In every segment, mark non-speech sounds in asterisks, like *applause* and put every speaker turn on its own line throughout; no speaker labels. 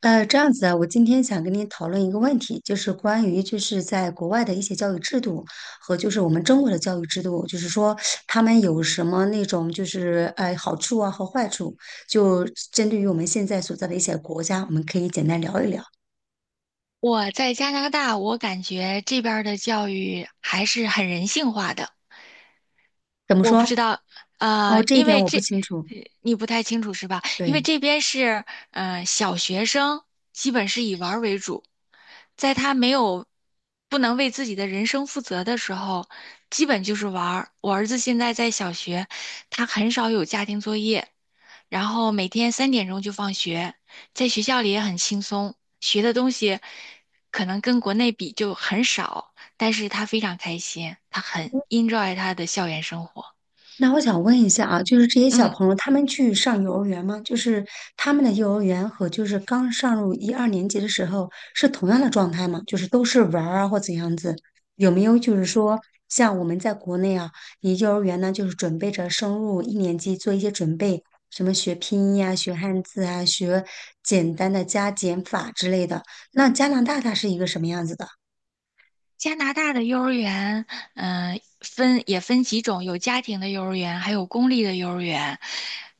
这样子啊，我今天想跟你讨论一个问题，就是关于就是在国外的一些教育制度和就是我们中国的教育制度，就是说他们有什么那种就是好处啊和坏处，就针对于我们现在所在的一些国家，我们可以简单聊一聊。
我在加拿大，我感觉这边儿的教育还是很人性化的。
怎么
我不知
说？
道，
哦，这一
因
点
为
我不清楚。
呃你不太清楚是吧？因为
对。
这边是，小学生基本是以玩儿为主，在他没有不能为自己的人生负责的时候，基本就是玩儿。我儿子现在在小学，他很少有家庭作业，然后每天3点钟就放学，在学校里也很轻松，学的东西可能跟国内比就很少，但是他非常开心，他很 enjoy 他的校园生活。
那我想问一下啊，就是这些小
嗯，
朋友他们去上幼儿园吗？就是他们的幼儿园和就是刚上入一二年级的时候是同样的状态吗？就是都是玩儿啊或怎样子？有没有就是说像我们在国内啊，你幼儿园呢就是准备着升入一年级做一些准备，什么学拼音啊、学汉字啊、学简单的加减法之类的。那加拿大它是一个什么样子的？
加拿大的幼儿园，分也分几种，有家庭的幼儿园，还有公立的幼儿园。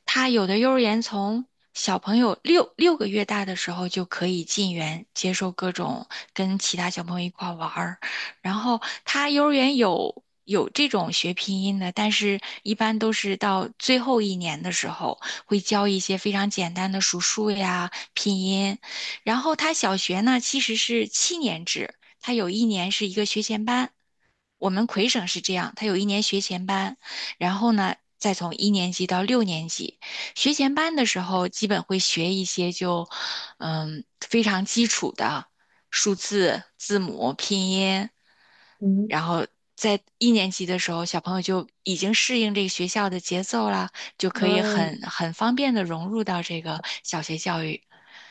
他有的幼儿园从小朋友六个月大的时候就可以进园，接受各种跟其他小朋友一块儿玩儿。然后他幼儿园有这种学拼音的，但是一般都是到最后一年的时候会教一些非常简单的数数呀、拼音。然后他小学呢其实是7年制。他有一年是一个学前班，我们魁省是这样，他有一年学前班，然后呢，再从一年级到六年级，学前班的时候基本会学一些就，非常基础的数字、字母、拼音，
嗯，
然后。在一年级的时候，小朋友就已经适应这个学校的节奏了，就可以很
嗯。
很方便的融入到这个小学教育，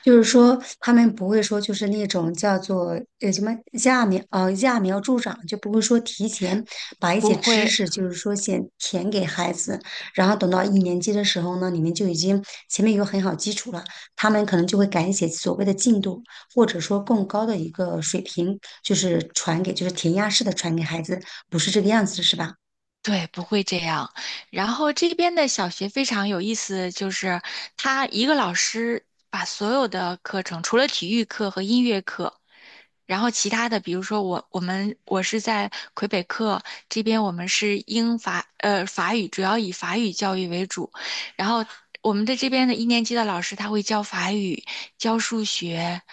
就是说，他们不会说，就是那种叫做什么揠苗助长，就不会说提前把一
不
些知
会
识，就是说先填给孩子，然后等到一年级的时候呢，你们就已经前面有很好基础了，他们可能就会赶写所谓的进度，或者说更高的一个水平，就是传给就是填鸭式的传给孩子，不是这个样子，是吧？
对，不会这样。然后这边的小学非常有意思，就是他一个老师把所有的课程，除了体育课和音乐课，然后其他的，比如说我是在魁北克这边，我们是法语，主要以法语教育为主。然后我们的这边的一年级的老师他会教法语、教数学，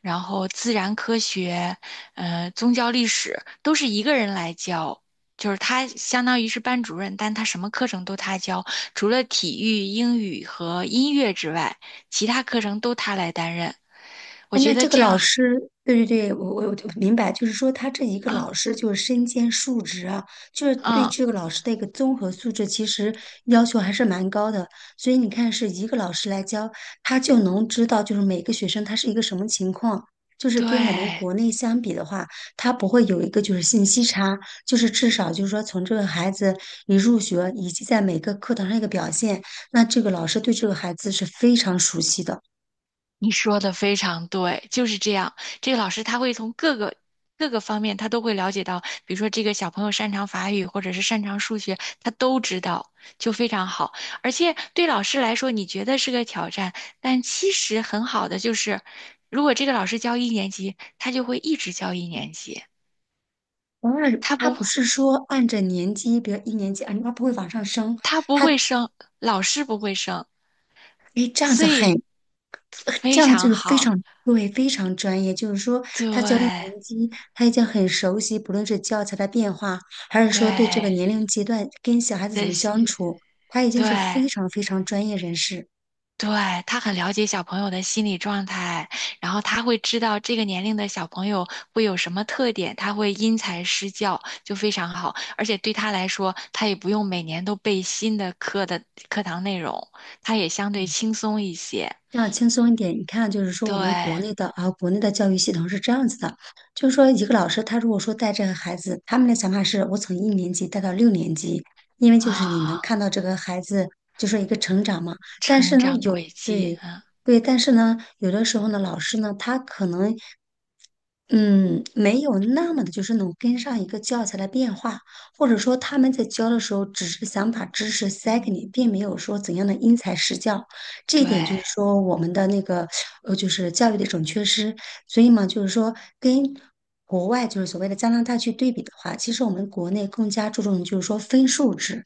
然后自然科学，宗教历史都是一个人来教。就是他相当于是班主任，但他什么课程都他教，除了体育、英语和音乐之外，其他课程都他来担任。我
哎，
觉
那
得
这个
这
老
样，
师，对对对，我就明白，就是说他这一个
嗯
老师就是身兼数职啊，就是对
嗯，
这个老师的一个综合素质，其实要求还是蛮高的。所以你看，是一个老师来教，他就能知道就是每个学生他是一个什么情况。就是跟我们
对，
国内相比的话，他不会有一个就是信息差，就是至少就是说从这个孩子一入学以及在每个课堂上一个表现，那这个老师对这个孩子是非常熟悉的。
你说的非常对，就是这样。这个老师他会从各个方面，他都会了解到，比如说这个小朋友擅长法语或者是擅长数学，他都知道，就非常好。而且对老师来说，你觉得是个挑战，但其实很好的就是，如果这个老师教一年级，他就会一直教一年级，
然
他
他
不
不是说按着年级，比如一年级，啊，他不会往上升，
他不会升，老师不会升，
哎，这样
所
子很，
以非
这样就
常
是非
好。
常对，非常专业。就是说，他教一
对
年级，他已经很熟悉，不论是教材的变化，还是说对这个
对，
年龄阶段跟小孩子怎
这
么
些
相处，他已经是
对。
非常非常专业人士。
对，他很了解小朋友的心理状态，然后他会知道这个年龄的小朋友会有什么特点，他会因材施教，就非常好。而且对他来说，他也不用每年都背新的课的课堂内容，他也相对轻松一些。
这样轻松一点，你看，就是说我们国
对
内的啊，国内的教育系统是这样子的，就是说一个老师他如果说带这个孩子，他们的想法是我从一年级带到六年级，因为就是你能
啊，
看到这个孩子就是一个成长嘛。但是
成
呢，
长轨迹，
对
嗯，
对，但是呢，有的时候呢，老师呢，他可能嗯，没有那么的，就是能跟上一个教材的变化，或者说他们在教的时候，只是想把知识塞给你，并没有说怎样的因材施教。这一点就
对
是说我们的那个就是教育的一种缺失。所以嘛，就是说跟国外就是所谓的加拿大去对比的话，其实我们国内更加注重就是说分数制，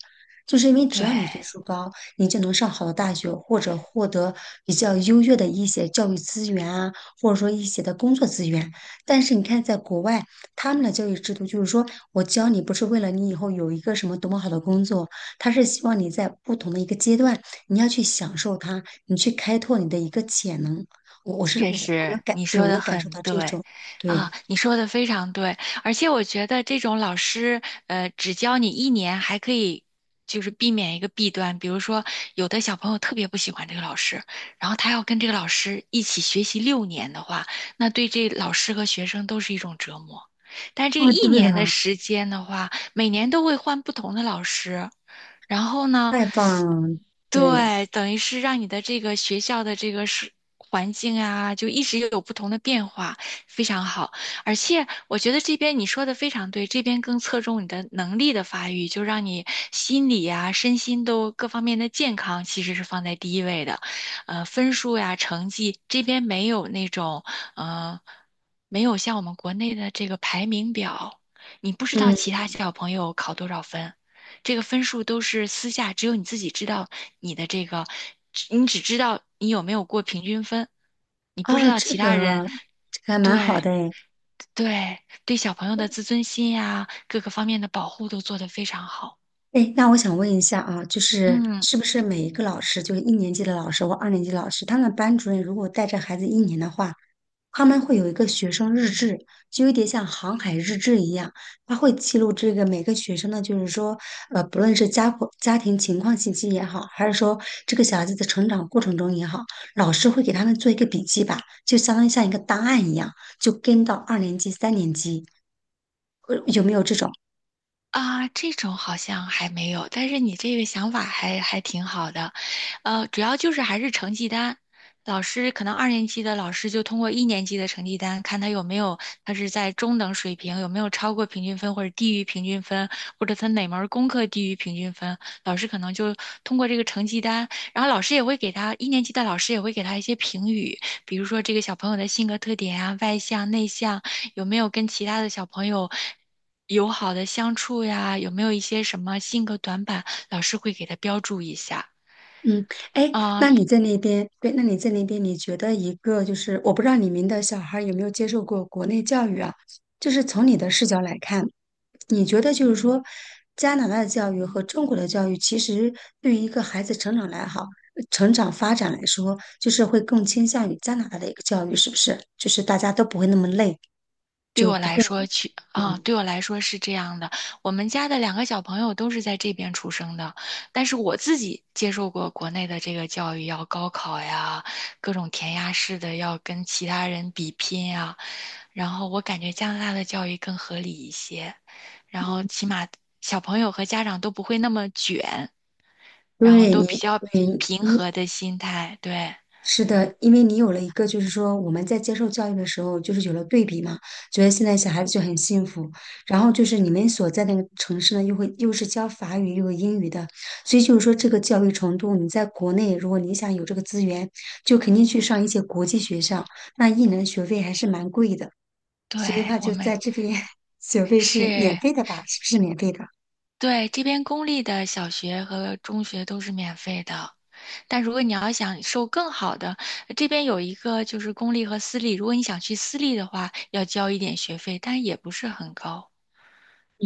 就是因为
对。
只要你分数高，你就能上好的大学，或者获得比较优越的一些教育资源啊，或者说一些的工作资源。但是你看，在国外，他们的教育制度就是说，我教你不是为了你以后有一个什么多么好的工作，他是希望你在不同的一个阶段，你要去享受它，你去开拓你的一个潜能。我我是
确
我我能
实，
感，
你
对，
说
我
的
能感受
很
到这
对，
种，
啊，
对，
你说的非常对，而且我觉得这种老师，只教你一年，还可以就是避免一个弊端，比如说有的小朋友特别不喜欢这个老师，然后他要跟这个老师一起学习六年的话，那对这老师和学生都是一种折磨。但这个
哦，
一
对
年的
啊，
时间的话，每年都会换不同的老师，然后呢，
太棒了，对，
对，等于是让你的这个学校的这个是环境啊，就一直有不同的变化，非常好。而且我觉得这边你说的非常对，这边更侧重你的能力的发育，就让你心理啊、身心都各方面的健康其实是放在第一位的。分数呀、成绩这边没有那种，呃，没有像我们国内的这个排名表，你不知道
嗯，
其他小朋友考多少分。这个分数都是私下，只有你自己知道你的这个，你只知道你有没有过平均分，你不知
哦，
道
这
其他人。
个这个还蛮好
对
的诶。
对对，小朋友的自尊心呀，各个方面的保护都做得非常好。
哎，那我想问一下啊，就是
嗯。
是不是每一个老师，就是一年级的老师或二年级的老师，他们班主任如果带着孩子一年的话，他们会有一个学生日志，就有点像航海日志一样，他会记录这个每个学生呢，就是说，不论是家庭情况信息也好，还是说这个小孩子的成长过程中也好，老师会给他们做一个笔记吧，就相当于像一个档案一样，就跟到二年级、三年级，有没有这种？
啊，这种好像还没有，但是你这个想法还挺好的，主要就是还是成绩单，老师可能二年级的老师就通过一年级的成绩单，看他有没有他是在中等水平，有没有超过平均分或者低于平均分，或者他哪门儿功课低于平均分，老师可能就通过这个成绩单，然后老师也会给他一年级的老师也会给他一些评语，比如说这个小朋友的性格特点啊，外向内向。有没有跟其他的小朋友友好的相处呀？有没有一些什么性格短板，老师会给他标注一下。
嗯，哎，
啊、
那你在那边，对，那你在那边，你觉得一个就是，我不知道你们的小孩有没有接受过国内教育啊？就是从你的视角来看。你觉得就是说，加拿大的教育和中国的教育，其实对于一个孩子成长来好，成长发展来说，就是会更倾向于加拿大的一个教育，是不是？就是大家都不会那么累，
对我
不
来
会，
说去啊、
嗯，
对我来说是这样的。我们家的两个小朋友都是在这边出生的，但是我自己接受过国内的这个教育，要高考呀，各种填鸭式的要跟其他人比拼呀。然后我感觉加拿大的教育更合理一些，然后起码小朋友和家长都不会那么卷。然后都比较
对，
平和的心态。对，
是的，因为你有了一个，就是说我们在接受教育的时候，就是有了对比嘛，觉得现在小孩子就很幸福。然后就是你们所在那个城市呢，又会又是教法语又有英语的，所以就是说这个教育程度，你在国内如果你想有这个资源，就肯定去上一些国际学校，那一年学费还是蛮贵的。
对，
所以话
我
就
们
在这边 *laughs* 学费是免
是，
费的吧？是不是免费的？
对，这边公立的小学和中学都是免费的。但如果你要想受更好的，这边有一个就是公立和私立，如果你想去私立的话，要交一点学费，但也不是很高。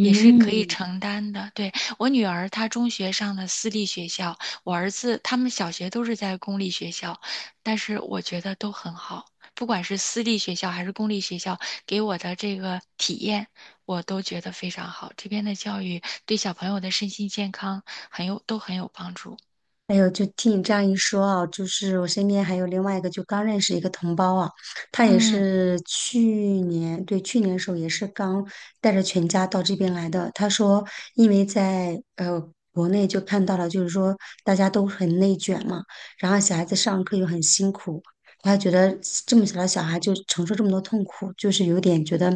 也是可以承担的。对，我女儿，她中学上的私立学校，我儿子他们小学都是在公立学校，但是我觉得都很好，不管是私立学校还是公立学校，给我的这个体验，我都觉得非常好。这边的教育对小朋友的身心健康都很有帮助。
还有，就听你这样一说啊，就是我身边还有另外一个，就刚认识一个同胞啊，他也
嗯，
是对，去年的时候也是刚带着全家到这边来的。他说，因为在国内就看到了，就是说大家都很内卷嘛，然后小孩子上课又很辛苦，他觉得这么小的小孩就承受这么多痛苦，就是有点觉得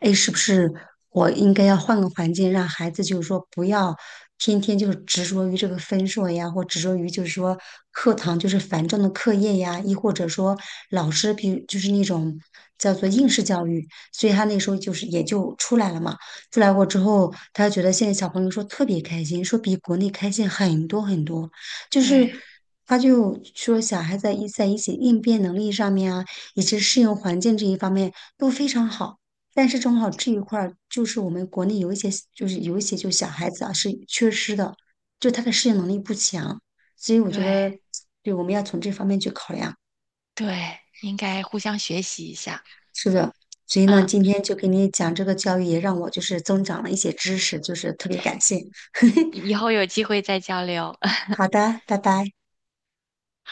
哎，是不是我应该要换个环境，让孩子就是说不要天天就是执着于这个分数呀，或执着于就是说课堂就是繁重的课业呀，亦或者说老师，比如就是那种叫做应试教育，所以他那时候就是也就出来了嘛。出来过之后，他觉得现在小朋友说特别开心，说比国内开心很多很多，就
对
是。他就说，小孩在一些应变能力上面啊，以及适应环境这一方面都非常好。但是中考这一块儿就是我们国内有一些就小孩子啊是缺失的，就他的适应能力不强，所以我觉
对
得，对，我们要从这方面去考量。
对，应该互相学习一下
是的，所以呢，
啊，
今天就给你讲这个教育，也让我就是增长了一些知识，就是特别感谢。*laughs*
以后有机会再交流。*laughs*
好的，拜拜。
好